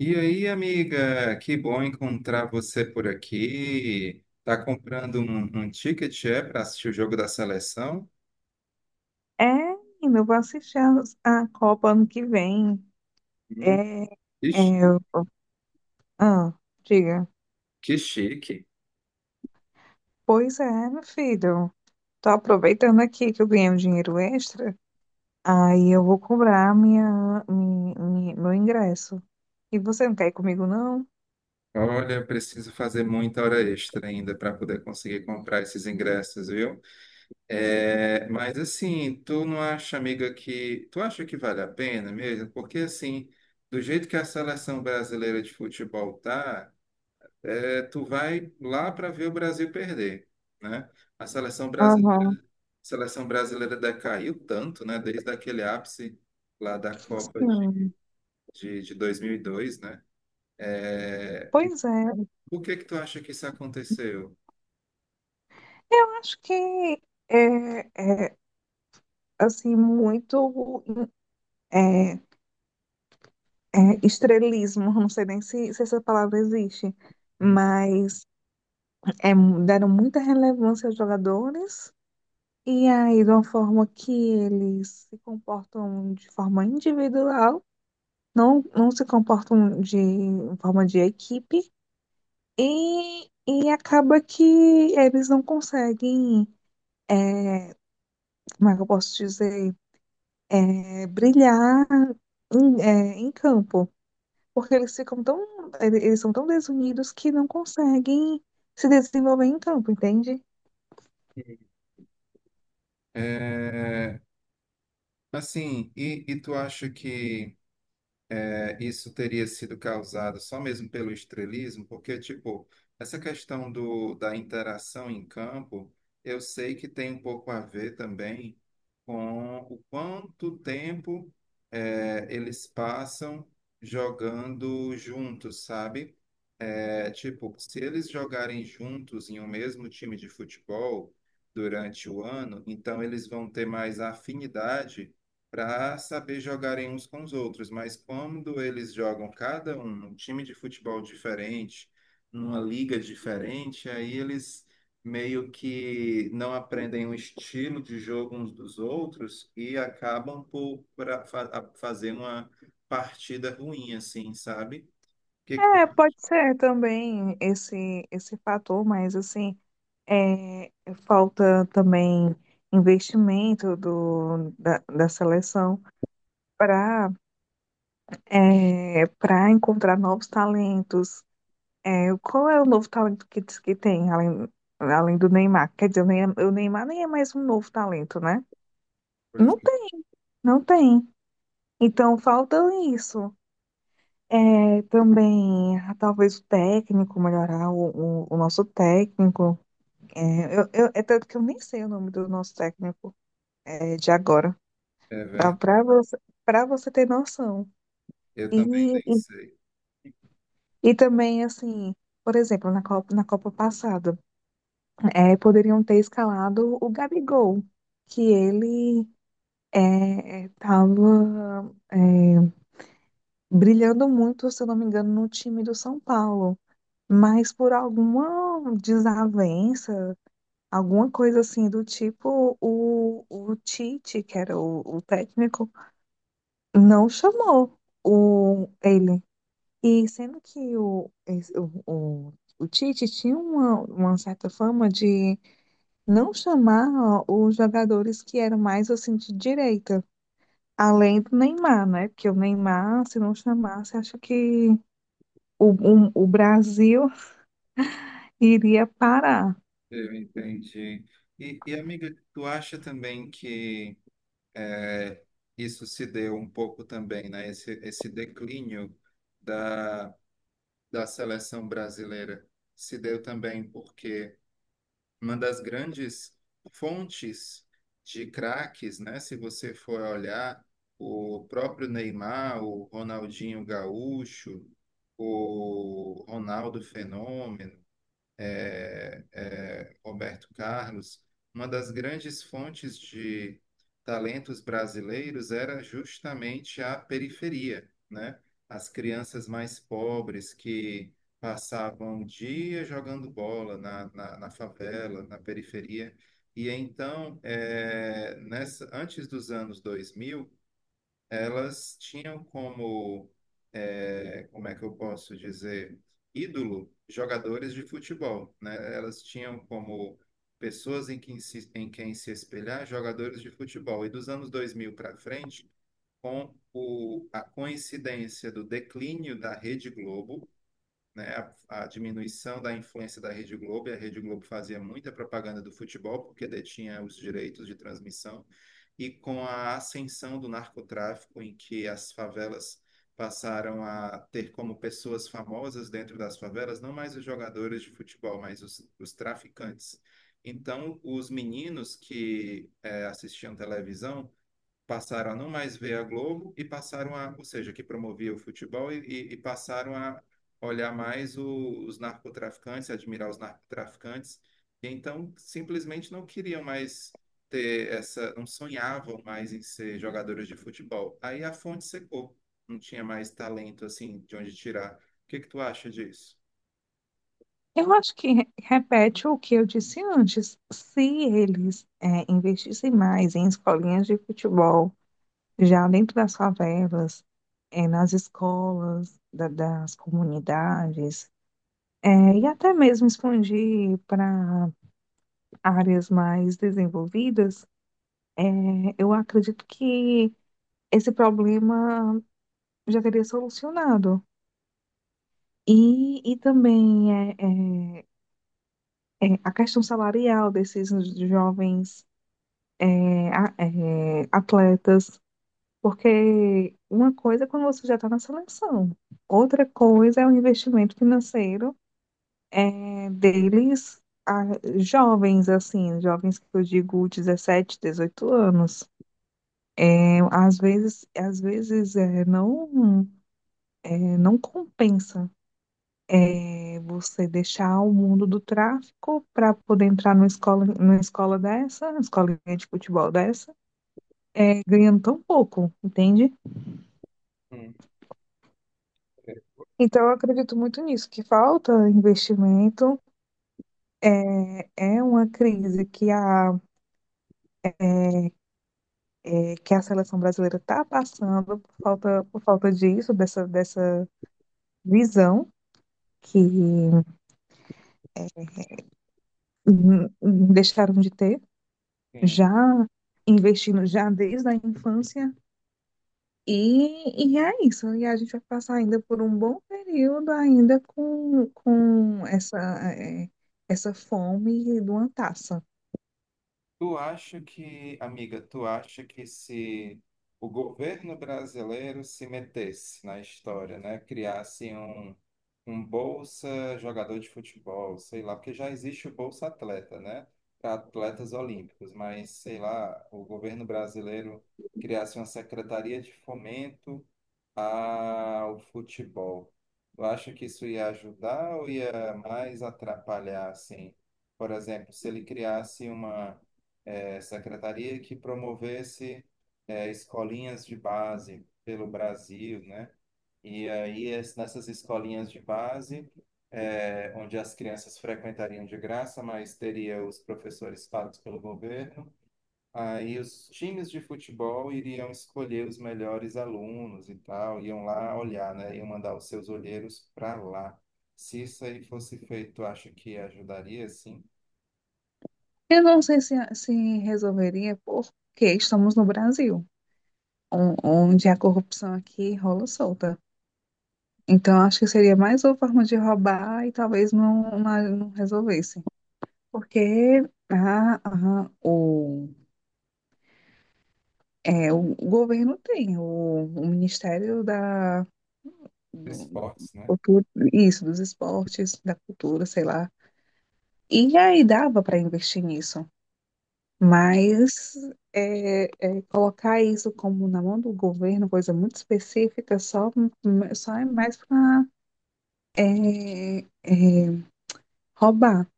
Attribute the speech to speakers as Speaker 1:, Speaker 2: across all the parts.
Speaker 1: E aí, amiga, que bom encontrar você por aqui. Tá comprando um ticket, para assistir o jogo da seleção?
Speaker 2: É, menina, eu vou assistir a Copa ano que vem.
Speaker 1: Hum,
Speaker 2: É, é,
Speaker 1: que chique.
Speaker 2: eu- ah, Diga.
Speaker 1: Que chique.
Speaker 2: Pois é, meu filho. Tô aproveitando aqui que eu ganhei um dinheiro extra. Aí eu vou cobrar meu ingresso. E você não quer ir comigo, não?
Speaker 1: Olha, eu preciso fazer muita hora extra ainda para poder conseguir comprar esses ingressos, viu? É, mas assim, tu não acha, amiga, que tu acha que vale a pena mesmo? Porque assim, do jeito que a seleção brasileira de futebol tá tu vai lá para ver o Brasil perder, né? A seleção brasileira,
Speaker 2: Aham,
Speaker 1: a seleção brasileira decaiu tanto, né? Desde aquele ápice lá da Copa de,
Speaker 2: sim.
Speaker 1: de, de 2002, né? É,
Speaker 2: Pois é.
Speaker 1: por que que tu acha que isso aconteceu?
Speaker 2: Eu acho que é, é assim, muito é, estrelismo. Não sei nem se essa palavra existe.
Speaker 1: Hum.
Speaker 2: Mas é, deram muita relevância aos jogadores, e aí, de uma forma que eles se comportam de forma individual, não se comportam de forma de equipe, e acaba que eles não conseguem, como é que eu posso dizer, brilhar em campo, porque eles ficam tão, eles são tão desunidos que não conseguem se desenvolver em campo, entende?
Speaker 1: É, assim, e tu acha que isso teria sido causado só mesmo pelo estrelismo, porque, tipo, essa questão do, da interação em campo, eu sei que tem um pouco a ver também com o quanto tempo eles passam jogando juntos, sabe? É tipo, se eles jogarem juntos em um mesmo time de futebol durante o ano, então eles vão ter mais afinidade para saber jogarem uns com os outros. Mas quando eles jogam cada um num time de futebol diferente, numa liga diferente, aí eles meio que não aprendem o estilo de jogo uns dos outros e acabam por pra, fa- a- fazer uma partida ruim, assim, sabe? O que que tu...
Speaker 2: É, pode ser também esse fator, mas assim, é, falta também investimento da seleção para para encontrar novos talentos. É, qual é o novo talento que diz que tem, além do Neymar? Quer dizer, o Neymar nem é mais um novo talento, né?
Speaker 1: Pois
Speaker 2: Não
Speaker 1: é.
Speaker 2: tem, não tem. Então falta isso. É, também, ah, talvez o técnico, melhorar o nosso técnico. É, É tanto que eu nem sei o nome do nosso técnico, é, de agora.
Speaker 1: É
Speaker 2: Dá
Speaker 1: verdade.
Speaker 2: para você ter noção.
Speaker 1: Eu também
Speaker 2: E,
Speaker 1: nem
Speaker 2: e,
Speaker 1: sei.
Speaker 2: e também, assim, por exemplo, na Copa passada, é, poderiam ter escalado o Gabigol, que ele é, estava brilhando muito, se eu não me engano, no time do São Paulo. Mas por alguma desavença, alguma coisa assim do tipo, o Tite, que era o técnico, não chamou ele. E sendo que o, esse- o Tite tinha uma certa fama de não chamar os jogadores que eram mais assim de direita, além do Neymar, né? Porque o Neymar, se não chamasse, acho que o Brasil iria parar.
Speaker 1: Eu entendi. Amiga, tu acha também que é, isso se deu um pouco também, né? Esse declínio da, da seleção brasileira se deu também porque uma das grandes fontes de craques, né? Se você for olhar, o próprio Neymar, o Ronaldinho Gaúcho, o Ronaldo Fenômeno, Roberto Carlos, uma das grandes fontes de talentos brasileiros era justamente a periferia, né? As crianças mais pobres que passavam o dia jogando bola na favela, na periferia. E então, antes dos anos 2000 elas tinham como, como é que eu posso dizer, ídolo jogadores de futebol, né? Elas tinham como pessoas em quem se espelhar jogadores de futebol. E dos anos 2000 para frente, a coincidência do declínio da Rede Globo, né, a diminuição da influência da Rede Globo, e a Rede Globo fazia muita propaganda do futebol, porque detinha os direitos de transmissão, e com a ascensão do narcotráfico, em que as favelas passaram a ter como pessoas famosas dentro das favelas, não mais os jogadores de futebol, mas os traficantes. Então, os meninos que assistiam televisão passaram a não mais ver a Globo e passaram a, ou seja, que promovia o futebol e passaram a olhar os narcotraficantes, admirar os narcotraficantes, e então simplesmente não queriam mais ter essa, não sonhavam mais em ser jogadores de futebol. Aí a fonte secou, não tinha mais talento assim de onde tirar. O que que tu acha disso?
Speaker 2: Eu acho que repete o que eu disse antes. Se eles é, investissem mais em escolinhas de futebol, já dentro das favelas, é, nas escolas das comunidades, é, e até mesmo expandir para áreas mais desenvolvidas, é, eu acredito que esse problema já teria solucionado. E, e também é, É a questão salarial desses jovens é, é, atletas, porque uma coisa é quando você já está na seleção, outra coisa é o investimento financeiro, é, deles, a- jovens, assim, jovens que eu digo 17, 18 anos. É, às vezes é, é, não compensa é, você deixar o mundo do tráfico para poder entrar numa escola dessa, numa escolinha de futebol dessa, é, ganhando tão pouco, entende?
Speaker 1: Hum,
Speaker 2: Então, eu acredito muito nisso, que falta investimento. É uma crise que que a seleção brasileira está passando por falta disso, dessa visão que deixaram de ter,
Speaker 1: sim.
Speaker 2: já investindo já desde a infância. É isso. E a gente vai passar ainda por um bom período ainda com essa, é, essa fome de uma taça.
Speaker 1: Tu acha que, amiga, tu acha que se o governo brasileiro se metesse na história, né, criasse um, um Bolsa jogador de futebol, sei lá, porque já existe o Bolsa Atleta, né, para atletas olímpicos, mas sei lá, o governo brasileiro criasse uma secretaria de fomento ao futebol. Tu acha que isso ia ajudar ou ia mais atrapalhar, assim? Por exemplo, se ele criasse uma secretaria que promovesse escolinhas de base pelo Brasil, né? E aí, nessas escolinhas de base, onde as crianças frequentariam de graça, mas teria os professores pagos pelo governo, aí os times de futebol iriam escolher os melhores alunos e tal, iam lá olhar, né? Iam mandar os seus olheiros para lá. Se isso aí fosse feito, acho que ajudaria, sim,
Speaker 2: Eu não sei se resolveria porque estamos no Brasil, onde a corrupção aqui rola solta. Então, acho que seria mais uma forma de roubar e talvez não resolvesse. Porque a, a- o, o governo tem, o Ministério
Speaker 1: os
Speaker 2: do,
Speaker 1: esportes, né?
Speaker 2: Cultura- isso, dos esportes, da cultura, sei lá. E aí dava para investir nisso. Mas colocar isso como na mão do governo, coisa muito específica, só, só é mais para roubar,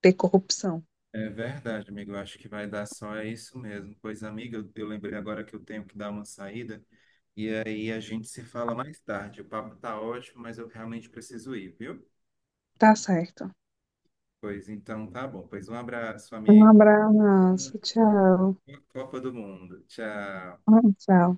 Speaker 2: ter corrupção.
Speaker 1: É verdade, amigo. Eu acho que vai dar só é isso mesmo. Pois, amiga, eu lembrei agora que eu tenho que dar uma saída. E aí a gente se fala mais tarde. O papo tá ótimo, mas eu realmente preciso ir, viu?
Speaker 2: Tá certo.
Speaker 1: Pois então tá bom. Pois um abraço,
Speaker 2: Um
Speaker 1: amigo.
Speaker 2: abraço, tchau.
Speaker 1: Boa Copa do Mundo. Tchau.
Speaker 2: Ah, tchau.